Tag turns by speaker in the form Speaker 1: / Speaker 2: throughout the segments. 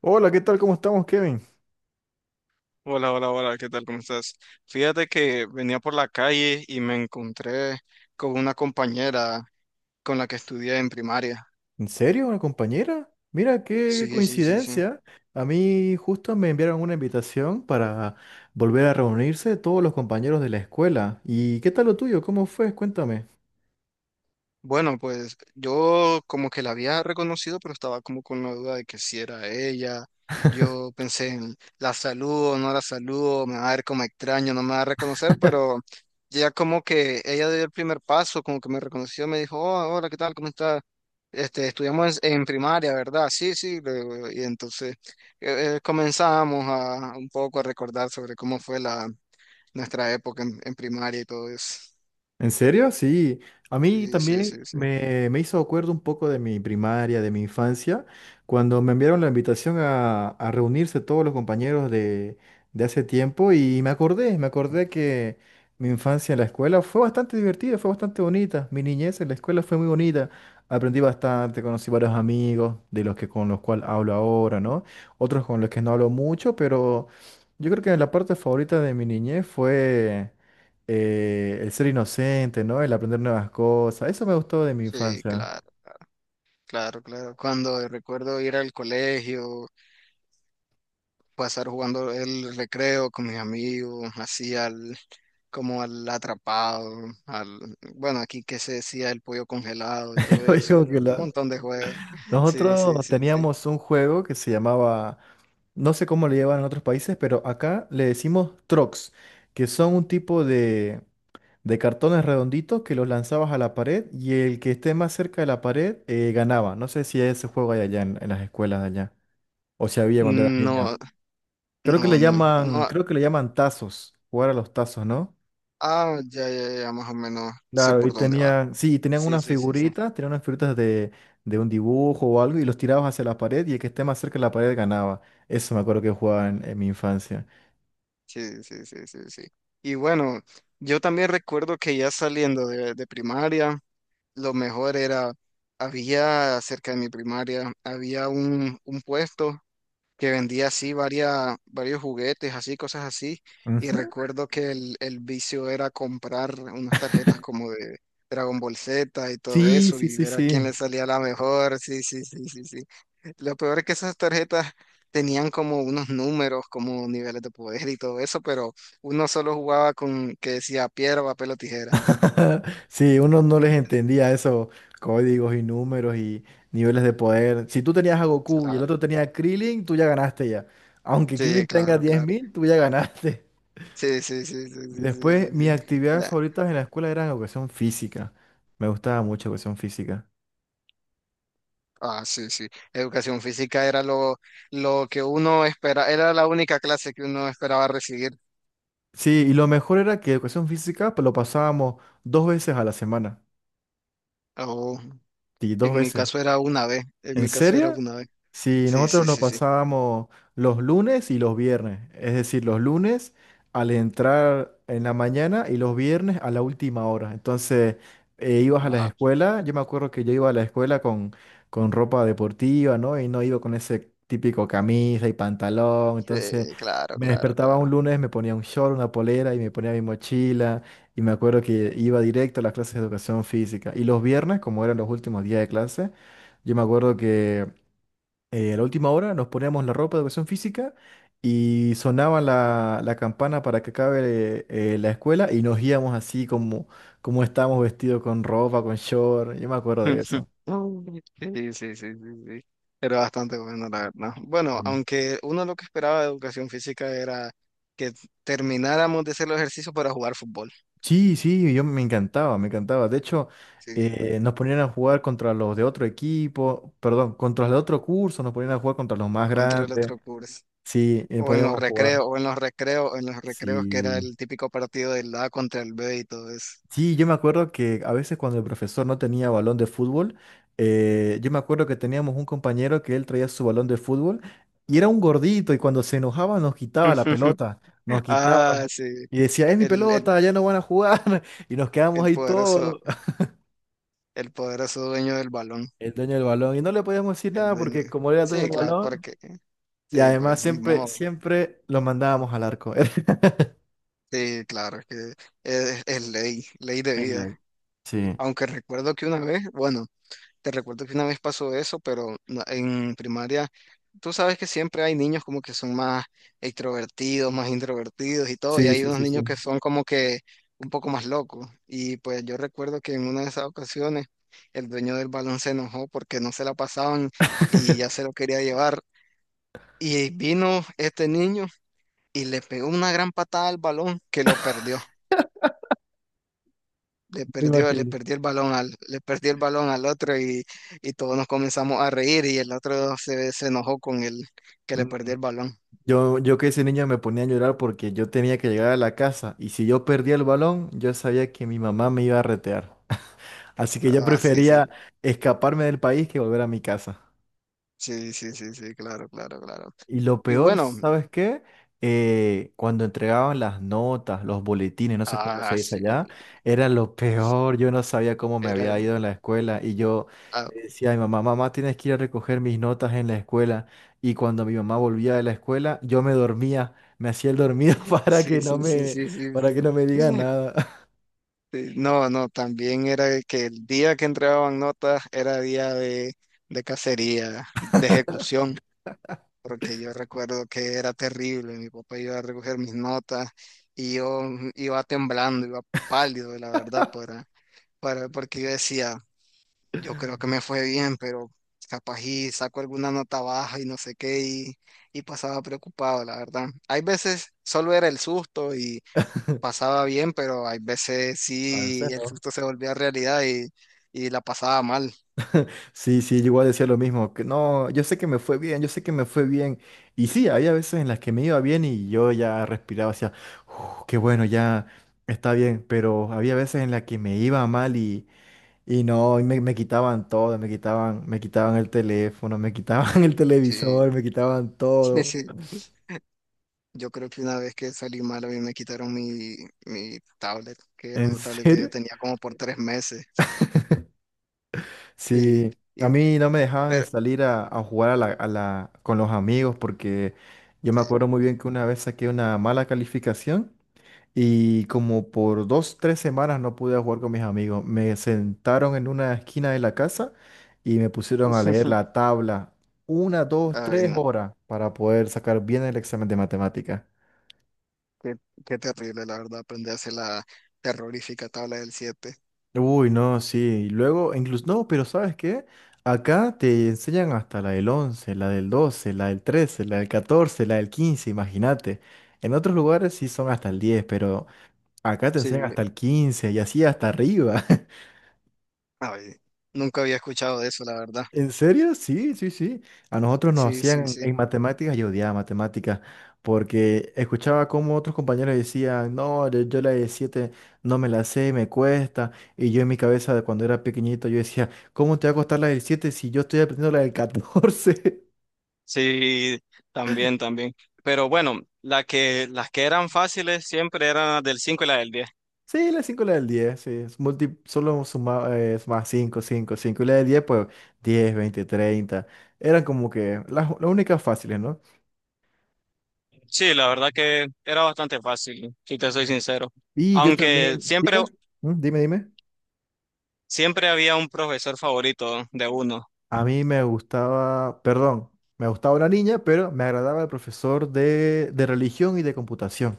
Speaker 1: Hola, ¿qué tal? ¿Cómo estamos, Kevin?
Speaker 2: Hola, hola, hola, ¿qué tal? ¿Cómo estás? Fíjate que venía por la calle y me encontré con una compañera con la que estudié en primaria.
Speaker 1: ¿En serio? ¿Una compañera? Mira, qué
Speaker 2: Sí, sí, sí, sí.
Speaker 1: coincidencia. A mí justo me enviaron una invitación para volver a reunirse todos los compañeros de la escuela. ¿Y qué tal lo tuyo? ¿Cómo fue? Cuéntame.
Speaker 2: Bueno, pues yo como que la había reconocido, pero estaba como con la duda de que si era ella. Yo pensé en la saludo, no la saludo, me va a ver como extraño, no me va a reconocer, pero ya como que ella dio el primer paso, como que me reconoció, me dijo, "Oh, hola, ¿qué tal? ¿Cómo estás? Este, estudiamos en primaria, ¿verdad? Sí, sí, le digo, y entonces comenzamos a un poco a recordar sobre cómo fue la nuestra época en primaria y todo eso.
Speaker 1: ¿En serio? Sí. A mí
Speaker 2: Sí, sí,
Speaker 1: también
Speaker 2: sí, sí.
Speaker 1: me hizo acuerdo un poco de mi primaria, de mi infancia, cuando me enviaron la invitación a reunirse todos los compañeros de hace tiempo y me acordé que mi infancia en la escuela fue bastante divertida, fue bastante bonita. Mi niñez en la escuela fue muy bonita. Aprendí bastante, conocí varios amigos de los que con los cuales hablo ahora, ¿no? Otros con los que no hablo mucho, pero yo creo que la parte favorita de mi niñez fue el ser inocente, ¿no? El aprender nuevas cosas. Eso me gustó de mi
Speaker 2: Sí,
Speaker 1: infancia.
Speaker 2: claro. Claro, claro. Cuando recuerdo ir al colegio, pasar jugando el recreo con mis amigos, como al atrapado, bueno, aquí que se decía el pollo congelado y todo
Speaker 1: Oye,
Speaker 2: eso, era un montón de juegos. Sí, sí,
Speaker 1: nosotros
Speaker 2: sí, sí.
Speaker 1: teníamos un juego que se llamaba, no sé cómo le llevan en otros países, pero acá le decimos trocs, que son un tipo de cartones redonditos que los lanzabas a la pared y el que esté más cerca de la pared ganaba. No sé si ese juego hay allá en las escuelas de allá, o si había cuando eras niño.
Speaker 2: No,
Speaker 1: Creo que
Speaker 2: no,
Speaker 1: le
Speaker 2: no,
Speaker 1: llaman,
Speaker 2: no.
Speaker 1: creo que le llaman tazos, jugar a los tazos, ¿no?
Speaker 2: Ah, ya, ya, ya, más o menos sé
Speaker 1: Claro, y
Speaker 2: por dónde va.
Speaker 1: tenían, sí, tenían
Speaker 2: Sí,
Speaker 1: unas
Speaker 2: sí, sí, sí.
Speaker 1: figuritas, tenían unas figuritas de un dibujo o algo y los tirabas hacia la pared y el que esté más cerca de la pared ganaba. Eso me acuerdo que jugaba en mi infancia.
Speaker 2: Sí, sí, sí, sí, sí. Y bueno, yo también recuerdo que ya saliendo de primaria. Lo mejor era, había cerca de mi primaria, había un puesto que vendía así varias, varios juguetes, así, cosas así. Y
Speaker 1: Ujú.
Speaker 2: recuerdo que el vicio era comprar unas tarjetas como de Dragon Ball Z y todo
Speaker 1: Sí,
Speaker 2: eso
Speaker 1: sí,
Speaker 2: y
Speaker 1: sí,
Speaker 2: ver a quién
Speaker 1: sí.
Speaker 2: le salía la mejor. Sí, sí, sí, sí, sí. Lo peor es que esas tarjetas tenían como unos números, como niveles de poder y todo eso, pero uno solo jugaba con que decía piedra, papel o tijera.
Speaker 1: Sí, uno no les
Speaker 2: Sí,
Speaker 1: entendía esos códigos y números y niveles de poder. Si tú tenías a Goku y el
Speaker 2: claro,
Speaker 1: otro tenía a Krillin, tú ya ganaste ya. Aunque Krillin
Speaker 2: sí,
Speaker 1: tenga
Speaker 2: claro,
Speaker 1: diez
Speaker 2: claro.
Speaker 1: mil, tú ya ganaste.
Speaker 2: Sí, sí, sí, sí, sí, sí,
Speaker 1: Después,
Speaker 2: sí,
Speaker 1: mis
Speaker 2: sí.
Speaker 1: actividades
Speaker 2: La-
Speaker 1: favoritas en la escuela eran educación física. Me gustaba mucho educación física.
Speaker 2: ah, sí, sí. Educación física era lo que uno esperaba, era la única clase que uno esperaba recibir.
Speaker 1: Sí, y lo mejor era que educación física pues, lo pasábamos dos veces a la semana.
Speaker 2: O
Speaker 1: Sí, dos
Speaker 2: en mi
Speaker 1: veces.
Speaker 2: caso era una vez, en
Speaker 1: ¿En
Speaker 2: mi caso era
Speaker 1: serio?
Speaker 2: una vez.
Speaker 1: Sí,
Speaker 2: Sí,
Speaker 1: nosotros
Speaker 2: sí,
Speaker 1: lo
Speaker 2: sí, sí.
Speaker 1: pasábamos los lunes y los viernes, es decir, los lunes al entrar en la mañana y los viernes a la última hora. Entonces, ibas a la
Speaker 2: Ah,
Speaker 1: escuela, yo me acuerdo que yo iba a la escuela con ropa deportiva, ¿no? Y no iba con ese típico camisa y pantalón. Entonces,
Speaker 2: sí, claro,
Speaker 1: me
Speaker 2: claro,
Speaker 1: despertaba un
Speaker 2: claro.
Speaker 1: lunes, me ponía un short, una polera y me ponía mi mochila. Y me acuerdo que iba directo a las clases de educación física. Y los viernes, como eran los últimos días de clase, yo me acuerdo que a la última hora nos poníamos la ropa de educación física y sonaba la campana para que acabe la escuela y nos íbamos así como, como estábamos vestidos con ropa, con short. Yo me acuerdo de eso.
Speaker 2: Sí, sí, sí, sí, sí. Era bastante bueno, la verdad. Bueno,
Speaker 1: Ujú.
Speaker 2: aunque uno lo que esperaba de educación física era que termináramos de hacer los ejercicios para jugar fútbol.
Speaker 1: Sí, sí, yo me encantaba, me encantaba. De hecho,
Speaker 2: Sí,
Speaker 1: nos ponían a jugar contra los de otro equipo, perdón, contra los de otro curso, nos ponían a jugar contra los más
Speaker 2: contra el
Speaker 1: grandes.
Speaker 2: otro curso.
Speaker 1: Sí,
Speaker 2: O en los
Speaker 1: podíamos jugar.
Speaker 2: recreos, o en los recreos, En los recreos que era
Speaker 1: Sí.
Speaker 2: el típico partido del A contra el B y todo eso.
Speaker 1: Sí, yo me acuerdo que a veces cuando el profesor no tenía balón de fútbol, yo me acuerdo que teníamos un compañero que él traía su balón de fútbol y era un gordito y cuando se enojaba nos quitaba la pelota, nos quitaba
Speaker 2: Ah, sí,
Speaker 1: y decía, es mi
Speaker 2: el, el,
Speaker 1: pelota, ya no van a jugar. Y nos quedamos
Speaker 2: el
Speaker 1: ahí
Speaker 2: poderoso,
Speaker 1: todos,
Speaker 2: el poderoso dueño del balón,
Speaker 1: el dueño del balón, y no le podíamos decir
Speaker 2: el
Speaker 1: nada
Speaker 2: dueño.
Speaker 1: porque como era el dueño
Speaker 2: Sí,
Speaker 1: del
Speaker 2: claro,
Speaker 1: balón
Speaker 2: porque,
Speaker 1: y
Speaker 2: sí,
Speaker 1: además
Speaker 2: pues, ni
Speaker 1: siempre,
Speaker 2: modo.
Speaker 1: siempre lo mandábamos al arco.
Speaker 2: Sí, claro, es que es ley, ley de
Speaker 1: En la-
Speaker 2: vida.
Speaker 1: Sí,
Speaker 2: Aunque recuerdo que una vez, bueno, Te recuerdo que una vez pasó eso, pero en primaria, tú sabes que siempre hay niños como que son más extrovertidos, más introvertidos y todo, y
Speaker 1: sí,
Speaker 2: hay
Speaker 1: sí,
Speaker 2: unos
Speaker 1: sí, sí,
Speaker 2: niños que son como que un poco más locos. Y pues yo recuerdo que en una de esas ocasiones el dueño del balón se enojó porque no se la pasaban y ya se lo quería llevar. Y vino este niño y le pegó una gran patada al balón que lo perdió. le
Speaker 1: me
Speaker 2: perdió, le
Speaker 1: imagino.
Speaker 2: perdió el balón al, le perdió el balón al otro y todos nos comenzamos a reír y el otro se enojó con el que le perdió
Speaker 1: Mm.
Speaker 2: el balón.
Speaker 1: Yo que ese niño me ponía a llorar porque yo tenía que llegar a la casa y si yo perdía el balón, yo sabía que mi mamá me iba a retear. Así que yo
Speaker 2: Ah, sí, sí.
Speaker 1: prefería escaparme del país que volver a mi casa.
Speaker 2: Sí, sí, sí, sí, claro, claro, claro.
Speaker 1: Y lo
Speaker 2: Y
Speaker 1: peor,
Speaker 2: bueno,
Speaker 1: ¿sabes qué? Cuando entregaban las notas, los boletines, no sé cómo se
Speaker 2: ah,
Speaker 1: dice
Speaker 2: sí,
Speaker 1: allá, era lo peor. Yo no sabía cómo me
Speaker 2: era,
Speaker 1: había ido en la escuela y yo
Speaker 2: ah,
Speaker 1: le decía a mi mamá, mamá, tienes que ir a recoger mis notas en la escuela. Y cuando mi mamá volvía de la escuela, yo me dormía, me hacía el dormido
Speaker 2: sí, sí, sí, sí, sí,
Speaker 1: para
Speaker 2: sí.
Speaker 1: que no me diga nada.
Speaker 2: Sí, no, no, también era que el día que entregaban notas era día de cacería, de ejecución. Porque yo recuerdo que era terrible, mi papá iba a recoger mis notas y yo iba temblando, iba pálido, la verdad, porque yo decía, yo creo que me fue bien, pero capaz y saco alguna nota baja y no sé qué, y pasaba preocupado, la verdad. Hay veces solo era el susto y pasaba bien, pero hay veces sí
Speaker 1: Parece,
Speaker 2: el
Speaker 1: ¿no?
Speaker 2: susto se volvía realidad y la pasaba mal.
Speaker 1: Sí, sí, yo igual decía lo mismo, que no, yo sé que me fue bien, yo sé que me fue bien. Y sí, había veces en las que me iba bien y yo ya respiraba, decía, qué bueno, ya está bien, pero había veces en las que me iba mal y no, y me quitaban todo, me quitaban el teléfono, me quitaban el
Speaker 2: Sí,
Speaker 1: televisor, me quitaban
Speaker 2: sí.
Speaker 1: todo.
Speaker 2: Sí. Yo creo que una vez que salí mal, a mí me quitaron mi tablet, que era
Speaker 1: ¿En
Speaker 2: una tablet que yo
Speaker 1: serio?
Speaker 2: tenía como por 3 meses. Sí,
Speaker 1: Sí,
Speaker 2: y,
Speaker 1: a
Speaker 2: güey,
Speaker 1: mí no me dejaban ni
Speaker 2: pero,
Speaker 1: salir a jugar con los amigos porque yo me acuerdo
Speaker 2: sí.
Speaker 1: muy bien que una vez saqué una mala calificación. Y como por dos, tres semanas no pude jugar con mis amigos. Me sentaron en una esquina de la casa y me pusieron a leer la tabla. Una, dos,
Speaker 2: Ay,
Speaker 1: tres
Speaker 2: no,
Speaker 1: horas para poder sacar bien el examen de matemática.
Speaker 2: qué, qué terrible, la verdad, aprenderse la terrorífica tabla del siete.
Speaker 1: Uy, no, sí. Y luego, incluso, no, pero ¿sabes qué? Acá te enseñan hasta la del 11, la del 12, la del 13, la del 14, la del 15, imagínate. En otros lugares sí son hasta el 10, pero acá te enseñan
Speaker 2: Sí,
Speaker 1: hasta el 15 y así hasta arriba.
Speaker 2: ay, nunca había escuchado de eso, la verdad.
Speaker 1: ¿En serio? Sí, sí, sí. A nosotros nos
Speaker 2: Sí, sí,
Speaker 1: hacían en
Speaker 2: sí.
Speaker 1: matemáticas, yo odiaba matemáticas, porque escuchaba como otros compañeros decían, no, yo la de 7 no me la sé, me cuesta. Y yo en mi cabeza de cuando era pequeñito, yo decía, ¿cómo te va a costar la del 7 si yo estoy aprendiendo la del 14?
Speaker 2: Sí, también, también. Pero bueno, la que, las que eran fáciles siempre eran las del 5 y la del 10.
Speaker 1: Sí, la 5 y la del 10 sí, es solo suma, más 5 5 cinco. Y la del 10 pues 10 20 30. Eran como que las únicas fáciles, ¿no?
Speaker 2: Sí, la verdad que era bastante fácil, si te soy sincero.
Speaker 1: Y yo
Speaker 2: Aunque
Speaker 1: también,
Speaker 2: siempre,
Speaker 1: dime. ¿Mm? Dime, dime.
Speaker 2: siempre había un profesor favorito de uno.
Speaker 1: A mí me gustaba, perdón, me gustaba una niña, pero me agradaba el profesor de religión y de computación.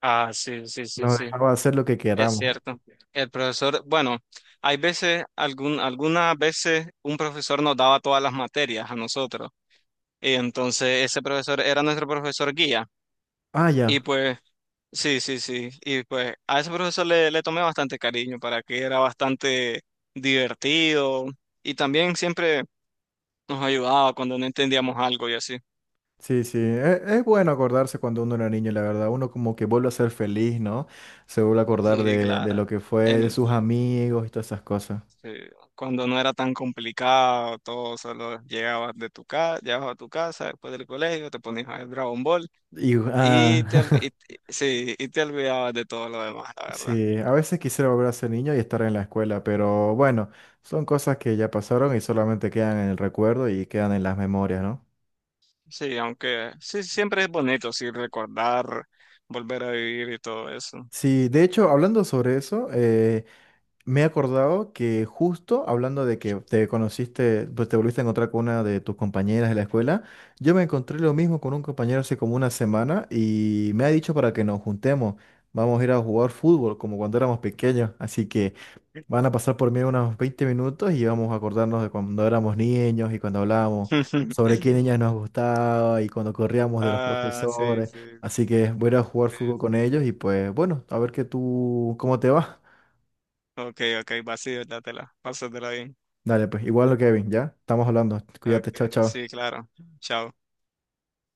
Speaker 2: Ah, sí, sí, sí,
Speaker 1: Nos
Speaker 2: sí,
Speaker 1: dejaba hacer lo que
Speaker 2: es
Speaker 1: queramos.
Speaker 2: cierto. El profesor, bueno, hay veces, algún, algunas veces un profesor nos daba todas las materias a nosotros. Y entonces ese profesor era nuestro profesor guía.
Speaker 1: Ah,
Speaker 2: Y
Speaker 1: ya.
Speaker 2: pues, sí, sí, sí. Y pues a ese profesor le tomé bastante cariño para que era bastante divertido. Y también siempre nos ayudaba cuando no entendíamos algo y así.
Speaker 1: Sí, sí. Es bueno acordarse cuando uno era niño, la verdad. Uno como que vuelve a ser feliz, ¿no? Se vuelve a acordar
Speaker 2: Sí,
Speaker 1: de
Speaker 2: claro.
Speaker 1: lo que fue, de
Speaker 2: El,
Speaker 1: sus amigos y todas esas cosas.
Speaker 2: sí, cuando no era tan complicado, todo solo llegabas de tu casa, llegabas a tu casa después del colegio, te ponías a ver Dragon Ball
Speaker 1: Y,
Speaker 2: y
Speaker 1: ah,
Speaker 2: sí, y te olvidabas de todo lo demás, la verdad.
Speaker 1: sí, a veces quisiera volver a ser niño y estar en la escuela, pero bueno, son cosas que ya pasaron y solamente quedan en el recuerdo y quedan en las memorias, ¿no?
Speaker 2: Sí, aunque sí, siempre es bonito, sí, recordar, volver a vivir y todo eso.
Speaker 1: Sí, de hecho, hablando sobre eso, me he acordado que justo hablando de que te conociste, pues te volviste a encontrar con una de tus compañeras de la escuela, yo me encontré lo mismo con un compañero hace como una semana y me ha dicho para que nos juntemos, vamos a ir a jugar fútbol como cuando éramos pequeños, así que van a pasar por mí unos 20 minutos y vamos a acordarnos de cuando éramos niños y cuando hablábamos sobre qué niñas nos gustaba y cuando corríamos de los
Speaker 2: Ah, sí,
Speaker 1: profesores.
Speaker 2: sí,
Speaker 1: Así que voy a ir a jugar fútbol con
Speaker 2: sí.
Speaker 1: ellos y pues bueno, a ver que tú, cómo te va.
Speaker 2: Ok, ok, vacío, dátela, pásatela bien.
Speaker 1: Dale, pues igual lo Kevin, ¿ya? Estamos hablando.
Speaker 2: Ok,
Speaker 1: Cuídate, chao, chao.
Speaker 2: sí, claro. Chao.